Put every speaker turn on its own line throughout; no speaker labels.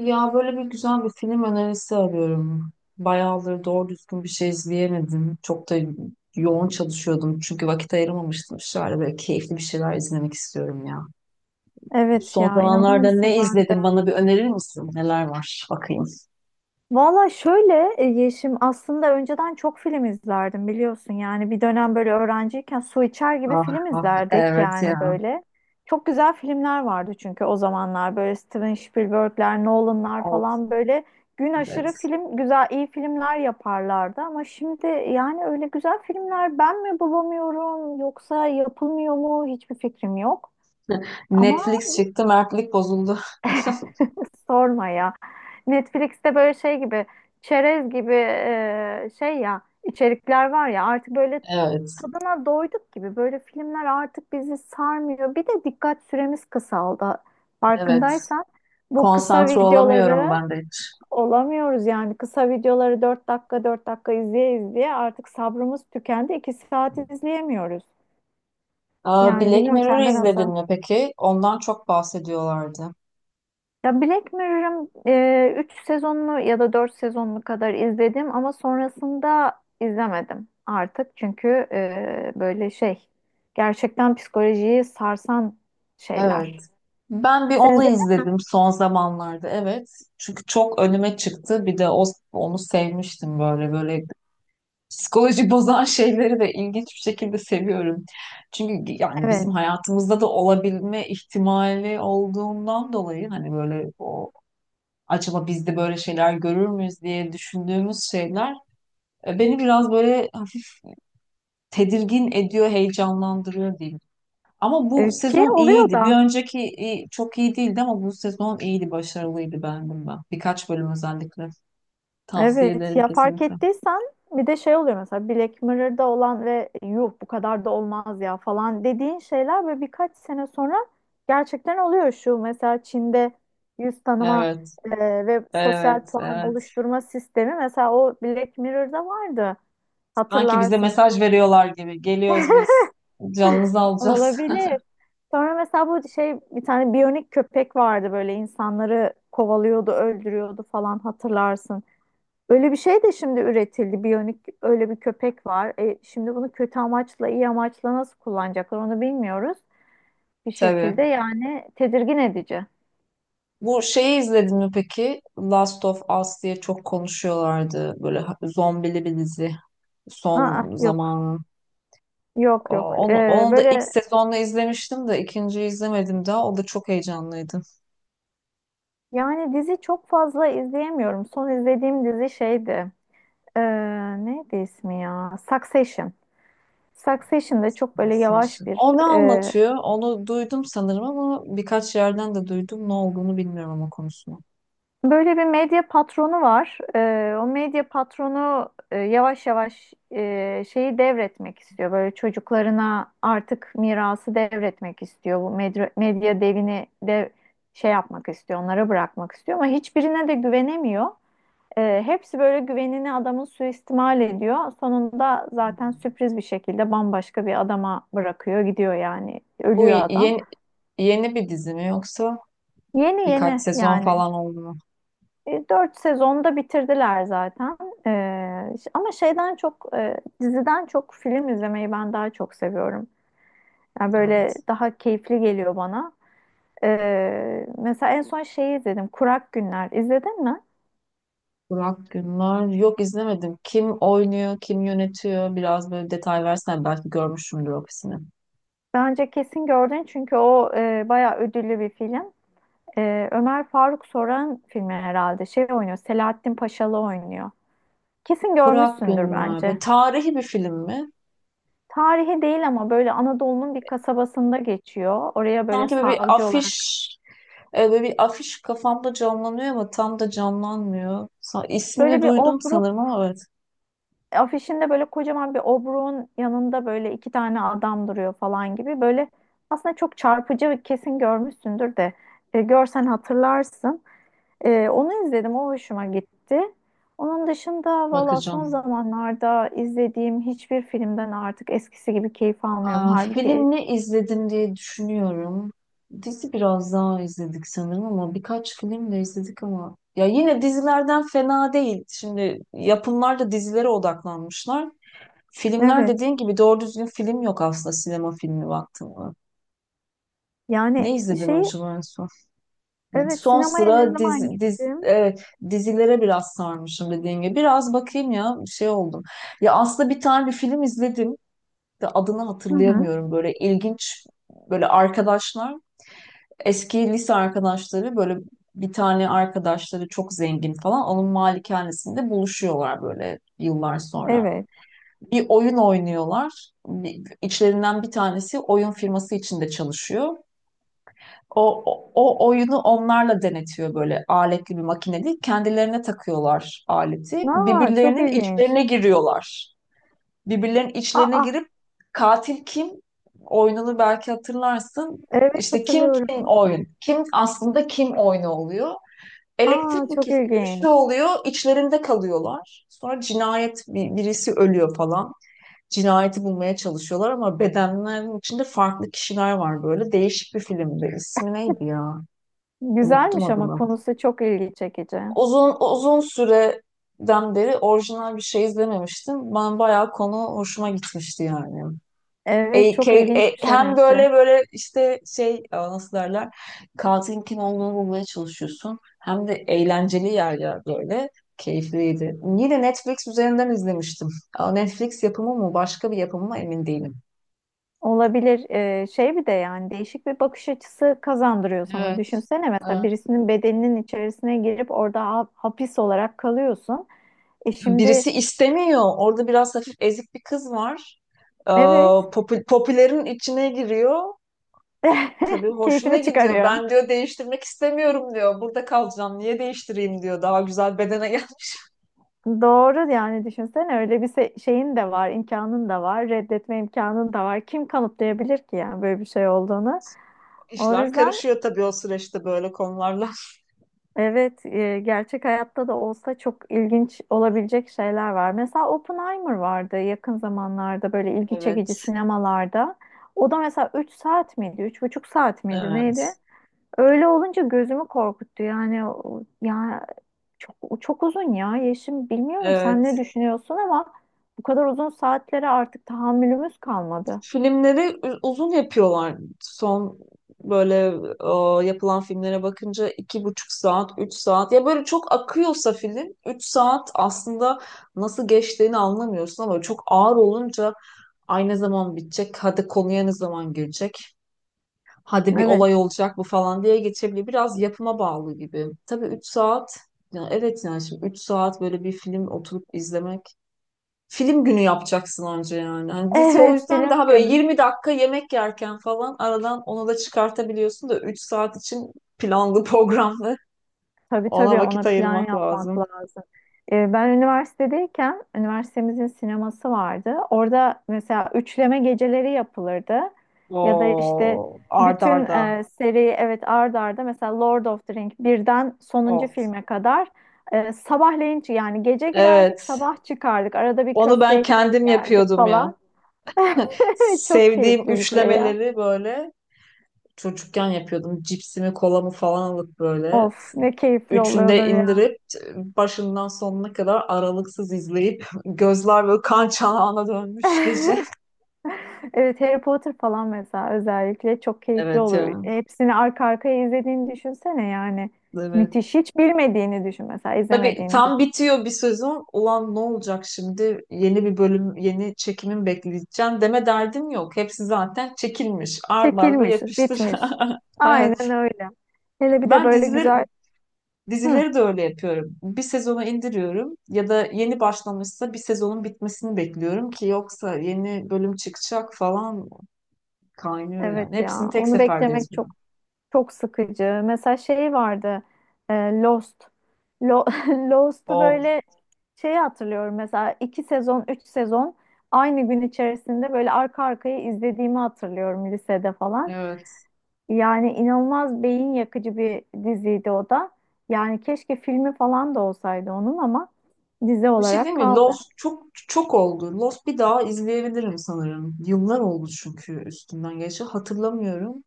Ya böyle bir güzel bir film önerisi arıyorum. Bayağıdır doğru düzgün bir şey izleyemedim. Çok da yoğun çalışıyordum çünkü vakit ayıramamıştım. Şöyle böyle keyifli bir şeyler izlemek istiyorum ya.
Evet
Son
ya, inanır
zamanlarda
mısın,
ne
ben de.
izledim bana bir önerir misin? Neler var? Bakayım.
Valla şöyle Yeşim, aslında önceden çok film izlerdim biliyorsun. Yani bir dönem böyle öğrenciyken su içer gibi
Ah
film
ah,
izlerdik
evet
yani
ya.
böyle. Çok güzel filmler vardı çünkü o zamanlar böyle Steven Spielberg'ler, Nolan'lar
Of,
falan böyle gün aşırı
evet.
film, güzel iyi filmler yaparlardı. Ama şimdi yani öyle güzel filmler ben mi bulamıyorum yoksa yapılmıyor mu, hiçbir fikrim yok. Ama
Netflix çıktı, mertlik bozuldu.
sorma ya. Netflix'te böyle şey gibi, çerez gibi şey ya, içerikler var ya artık, böyle
Evet,
tadına doyduk gibi. Böyle filmler artık bizi sarmıyor. Bir de dikkat süremiz kısaldı.
evet.
Farkındaysan bu kısa
Konsantre olamıyorum
videoları
ben de hiç.
olamıyoruz yani. Kısa videoları 4 dakika 4 dakika izleye izleye artık sabrımız tükendi. 2 saat izleyemiyoruz.
Aa,
Yani
Black
bilmiyorum,
Mirror
sende
izledin
nasıl?
mi peki? Ondan çok bahsediyorlardı.
Ya Black Mirror'ın 3 sezonunu ya da 4 sezonunu kadar izledim ama sonrasında izlemedim artık. Çünkü böyle şey, gerçekten psikolojiyi sarsan
Evet.
şeyler.
Ben bir
Sen
onu
izledin mi?
izledim son zamanlarda, evet. Çünkü çok önüme çıktı. Bir de o, onu sevmiştim. Böyle psikoloji bozan şeyleri de ilginç bir şekilde seviyorum. Çünkü yani bizim
Evet.
hayatımızda da olabilme ihtimali olduğundan dolayı hani böyle o acaba biz de böyle şeyler görür müyüz diye düşündüğümüz şeyler beni biraz böyle hafif tedirgin ediyor, heyecanlandırıyor diyeyim. Ama bu
Ki
sezon
oluyor
iyiydi. Bir
da.
önceki çok iyi değildi ama bu sezon iyiydi, başarılıydı, beğendim ben. Birkaç bölüm özellikle. Tavsiye
Evet
ederim
ya, fark
kesinlikle.
ettiysen bir de şey oluyor, mesela Black Mirror'da olan ve yuh, bu kadar da olmaz ya falan dediğin şeyler ve birkaç sene sonra gerçekten oluyor. Şu mesela, Çin'de yüz tanıma
Evet,
e, ve sosyal
evet,
puan
evet.
oluşturma sistemi, mesela o Black Mirror'da vardı,
Sanki bize
hatırlarsın.
mesaj veriyorlar gibi. Geliyoruz biz. Canınızı alacağız.
Olabilir. Sonra mesela bu şey, bir tane biyonik köpek vardı böyle, insanları kovalıyordu, öldürüyordu falan, hatırlarsın. Öyle bir şey de şimdi üretildi. Biyonik öyle bir köpek var. E, şimdi bunu kötü amaçla, iyi amaçla nasıl kullanacaklar, onu bilmiyoruz. Bir şekilde
Tabii.
yani tedirgin edici.
Bu şeyi izledin mi peki? Last of Us diye çok konuşuyorlardı. Böyle zombili bir dizi.
Aa,
Son
yok,
zamanın.
yok,
O-
yok.
Onu,
E,
onu da ilk
böyle
sezonla izlemiştim de ikinciyi izlemedim daha. O da çok heyecanlıydı.
yani dizi çok fazla izleyemiyorum. Son izlediğim dizi şeydi. E, neydi ismi ya? Succession. Succession'da çok böyle
Tavsiyesi.
yavaş bir
O ne anlatıyor? Onu duydum sanırım ama birkaç yerden de duydum. Ne olduğunu bilmiyorum ama konusunu.
böyle bir medya patronu var. O medya patronu yavaş yavaş şeyi devretmek istiyor. Böyle çocuklarına artık mirası devretmek istiyor. Bu medya, medya devini de şey yapmak istiyor, onlara bırakmak istiyor. Ama hiçbirine de güvenemiyor. Hepsi böyle güvenini adamın suistimal ediyor. Sonunda zaten
Hmm.
sürpriz bir şekilde bambaşka bir adama bırakıyor, gidiyor yani.
Bu
Ölüyor adam.
yeni, yeni bir dizi mi yoksa
Yeni
birkaç
yeni
sezon
yani.
falan oldu mu?
E, dört sezonda bitirdiler zaten. E, ama şeyden çok diziden çok film izlemeyi ben daha çok seviyorum. Yani böyle
Evet.
daha keyifli geliyor bana. E, mesela en son şeyi izledim. Kurak Günler. İzledin mi?
Burak Günler. Yok, izlemedim. Kim oynuyor, kim yönetiyor? Biraz böyle detay versen belki görmüşümdür ofisini.
Bence kesin gördün çünkü o bayağı ödüllü bir film. E, Ömer Faruk Soran filmi herhalde. Şey oynuyor. Selahattin Paşalı oynuyor. Kesin
Burak
görmüşsündür
Günler. Böyle
bence.
tarihi bir film mi?
Tarihi değil ama böyle Anadolu'nun bir kasabasında geçiyor. Oraya böyle
Sanki böyle bir
savcı
afiş
olarak.
e, Böyle bir afiş kafamda canlanıyor ama tam da canlanmıyor. İsmini
Böyle bir
duydum
obruk
sanırım ama evet,
afişinde böyle, kocaman bir obruğun yanında böyle iki tane adam duruyor falan gibi. Böyle aslında çok çarpıcı ve kesin görmüşsündür de, görsen hatırlarsın. E, onu izledim, o hoşuma gitti. Onun dışında valla son
bakacağım.
zamanlarda izlediğim hiçbir filmden artık eskisi gibi keyif almıyorum.
Aa,
Halbuki
film ne izledim diye düşünüyorum. Dizi biraz daha izledik sanırım ama birkaç film de izledik ama ya yine dizilerden fena değil. Şimdi yapımlar da dizilere odaklanmışlar. Filmler
evet,
dediğin gibi doğru düzgün film yok aslında, sinema filmi baktığımda. Ne
yani
izledim
şeyi,
acaba en son?
evet sinemaya ne zaman gittim?
Evet, dizilere biraz sarmışım dediğim gibi. Biraz bakayım ya, şey oldum. Ya aslında bir tane bir film izledim de adını
Hı hı.
hatırlayamıyorum. Böyle ilginç, böyle arkadaşlar, eski lise arkadaşları, böyle bir tane arkadaşları çok zengin falan, onun malikanesinde buluşuyorlar böyle yıllar sonra.
Evet.
Bir oyun oynuyorlar. İçlerinden bir tanesi oyun firması içinde çalışıyor. O oyunu onlarla denetiyor, böyle aletli bir makine değil. Kendilerine takıyorlar aleti.
Aa, çok
Birbirlerinin
ilginç.
içlerine giriyorlar. Birbirlerinin içlerine
Aa,
girip katil kim oyununu belki hatırlarsın.
evet
İşte kim kim
hatırlıyorum.
oyun. Kim aslında kim oyunu oluyor.
Aa,
Elektrik mi
çok
kesiliyor, bir şey
ilginç.
oluyor. İçlerinde kalıyorlar. Sonra cinayet, birisi ölüyor falan. Cinayeti bulmaya çalışıyorlar ama bedenlerin içinde farklı kişiler var böyle. Değişik bir filmdi. İsmi neydi ya? Unuttum
Güzelmiş ama
adını.
konusu çok ilgi çekici.
Uzun uzun süreden beri orijinal bir şey izlememiştim. Ben bayağı konu hoşuma gitmişti yani.
Evet,
E,
çok
ke-
ilginç bir şey
Hem
benziyor.
böyle işte şey, a, nasıl derler, katilin kim olduğunu bulmaya çalışıyorsun. Hem de eğlenceli yerler böyle. Keyifliydi. Yine Netflix üzerinden izlemiştim. Aa, Netflix yapımı mı başka bir yapımı mı emin değilim.
Olabilir. Şey bir de, yani değişik bir bakış açısı kazandırıyor sana.
Evet.
Düşünsene mesela,
Evet.
birisinin bedeninin içerisine girip orada hapis olarak kalıyorsun. E şimdi
Birisi istemiyor. Orada biraz hafif ezik bir kız var. Ee,
evet,
popülerin içine giriyor. Tabii hoşuna
keyfini
gidiyor.
çıkarıyor.
Ben diyor değiştirmek istemiyorum diyor. Burada kalacağım. Niye değiştireyim diyor. Daha güzel bedene gel.
Doğru yani, düşünsene, öyle bir şeyin de var, imkanın da var, reddetme imkanın da var. Kim kanıtlayabilir ki yani böyle bir şey olduğunu? O
İşler
yüzden
karışıyor tabii o süreçte böyle konularla.
evet, gerçek hayatta da olsa çok ilginç olabilecek şeyler var. Mesela Oppenheimer vardı yakın zamanlarda, böyle ilgi çekici
Evet.
sinemalarda. O da mesela 3 saat miydi, 3,5 saat miydi, neydi?
Evet.
Öyle olunca gözümü korkuttu yani. Ya, çok, o çok uzun ya Yeşim. Bilmiyorum sen ne
Evet.
düşünüyorsun ama bu kadar uzun saatlere artık tahammülümüz kalmadı.
Filmleri uzun yapıyorlar. Böyle yapılan filmlere bakınca iki buçuk saat, üç saat. Ya böyle çok akıyorsa film, üç saat aslında nasıl geçtiğini anlamıyorsun ama çok ağır olunca ay ne zaman bitecek, hadi konuya ne zaman girecek, hadi bir olay
Evet.
olacak bu falan diye geçebiliyor. Biraz yapıma bağlı gibi. Tabii üç saat, ya evet yani şimdi üç saat böyle bir film oturup izlemek, film günü yapacaksın anca yani. Hani dizi o
Evet,
yüzden
film
daha böyle
günü.
20 dakika yemek yerken falan aradan onu da çıkartabiliyorsun da 3 saat için planlı programlı
Tabii
ona
tabii, ona
vakit
plan
ayırmak
yapmak
lazım.
lazım. Ben üniversitedeyken üniversitemizin sineması vardı. Orada mesela üçleme geceleri yapılırdı. Ya da işte
Oo, arda
bütün
arda.
seri, evet ard arda, mesela Lord of the Ring birden sonuncu
Of.
filme kadar, sabahleyin yani, gece girerdik,
Evet.
sabah çıkardık. Arada bir
Onu
köfte
ben
ekmek
kendim
yerdik
yapıyordum ya.
falan. Çok
Sevdiğim
keyifli bir şey ya.
üçlemeleri böyle çocukken yapıyordum. Cipsimi, kolamı falan alıp böyle.
Of, ne keyifli
Üçünde
oluyordur ya.
indirip başından sonuna kadar aralıksız izleyip gözler böyle kan çanağına dönmüş gece.
Evet, Harry Potter falan mesela özellikle çok keyifli
Evet
olur.
ya.
Hepsini arka arkaya izlediğini düşünsene yani.
Evet.
Müthiş. Hiç bilmediğini düşün mesela,
Tabii
izlemediğini
tam
düşün.
bitiyor bir sezon. Ulan ne olacak şimdi? Yeni bir bölüm, yeni çekimin bekleyeceğim deme derdim yok. Hepsi zaten çekilmiş. Arda arda
Çekilmiş,
yapıştır.
bitmiş.
Evet.
Aynen öyle. Hele bir de
Ben
böyle
dizileri
güzel. Hı,
Dizileri de öyle yapıyorum. Bir sezonu indiriyorum ya da yeni başlamışsa bir sezonun bitmesini bekliyorum ki yoksa yeni bölüm çıkacak falan, kaynıyor yani.
evet
Hepsini
ya.
tek
Onu
seferde
beklemek
izliyorum.
çok, çok sıkıcı. Mesela şey vardı, e, Lost. Lost'u
Of.
böyle, şeyi hatırlıyorum, mesela iki sezon, üç sezon aynı gün içerisinde böyle arka arkaya izlediğimi hatırlıyorum lisede falan.
Evet.
Yani inanılmaz beyin yakıcı bir diziydi o da. Yani keşke filmi falan da olsaydı onun, ama dizi
Bir şey değil
olarak
mi?
kaldı.
Lost çok çok oldu. Lost bir daha izleyebilirim sanırım. Yıllar oldu çünkü üstünden geçti. Hatırlamıyorum.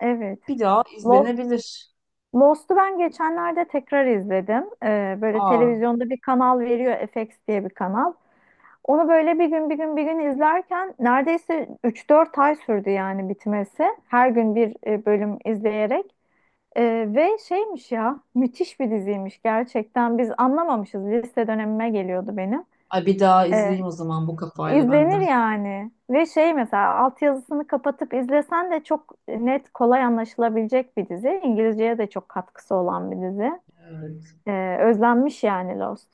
Evet.
Bir daha
Lo-
izlenebilir.
Lost'u ben geçenlerde tekrar izledim. Böyle
Aa,
televizyonda bir kanal veriyor, FX diye bir kanal. Onu böyle bir gün, bir gün, bir gün izlerken neredeyse 3-4 ay sürdü yani bitmesi. Her gün bir bölüm izleyerek. Ee, ve şeymiş ya, müthiş bir diziymiş gerçekten. Biz anlamamışız. Lise dönemime geliyordu benim.
ay bir daha
Ee,
izleyeyim o zaman bu kafayla
İzlenir
benden.
yani. Ve şey, mesela altyazısını kapatıp izlesen de çok net, kolay anlaşılabilecek bir dizi. İngilizceye de çok katkısı olan bir dizi. Özlenmiş yani Lost.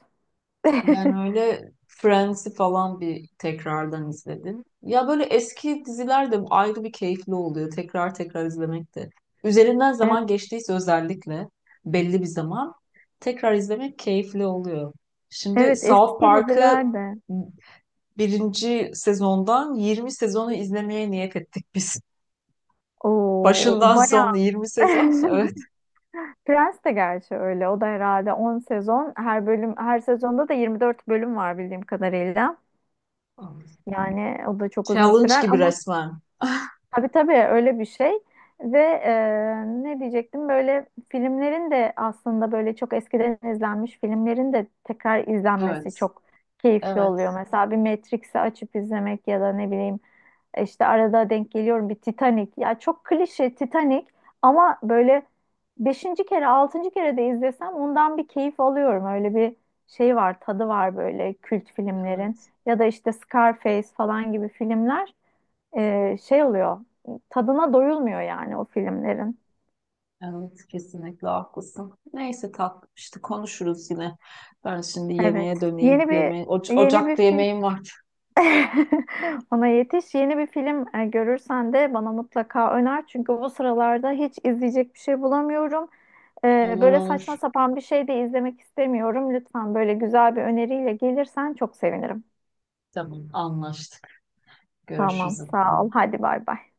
Ben öyle Friends'i falan bir tekrardan izledim. Ya böyle eski diziler de ayrı bir keyifli oluyor. Tekrar tekrar izlemek de. Üzerinden
Evet,
zaman geçtiyse özellikle, belli bir zaman, tekrar izlemek keyifli oluyor. Şimdi
evet
South
eski
Park'ı
diziler de.
birinci sezondan 20 sezonu izlemeye niyet ettik biz.
Oo, o
Başından
bayağı.
sonuna 20 sezon. Evet.
Prens de gerçi öyle. O da herhalde 10 sezon. Her bölüm, her sezonda da 24 bölüm var bildiğim kadarıyla. Yani o da çok uzun
Challenge
sürer
gibi
ama.
resmen.
Tabii tabii, öyle bir şey ve e, ne diyecektim, böyle filmlerin de aslında, böyle çok eskiden izlenmiş filmlerin de tekrar
Evet.
izlenmesi çok keyifli
Evet.
oluyor. Mesela bir Matrix'i açıp izlemek, ya da ne bileyim, işte arada denk geliyorum bir Titanic. Ya çok klişe Titanic ama böyle beşinci kere, altıncı kere de izlesem ondan bir keyif alıyorum. Öyle bir şey var, tadı var böyle kült filmlerin,
Evet.
ya da işte Scarface falan gibi filmler, şey oluyor. Tadına doyulmuyor yani o filmlerin.
Evet, kesinlikle haklısın. Neyse tatlım, işte konuşuruz yine. Ben şimdi
Evet.
yemeğe döneyim.
Yeni bir,
Yemeğe,
yeni
ocakta
bir film
yemeğim var.
ona yetiş. Yeni bir film görürsen de bana mutlaka öner. Çünkü bu sıralarda hiç izleyecek bir şey bulamıyorum. E,
Olur
böyle saçma
olur.
sapan bir şey de izlemek istemiyorum. Lütfen böyle güzel bir öneriyle gelirsen çok sevinirim.
Tamam, anlaştık.
Tamam,
Görüşürüz.
sağ ol. Hadi bay bay.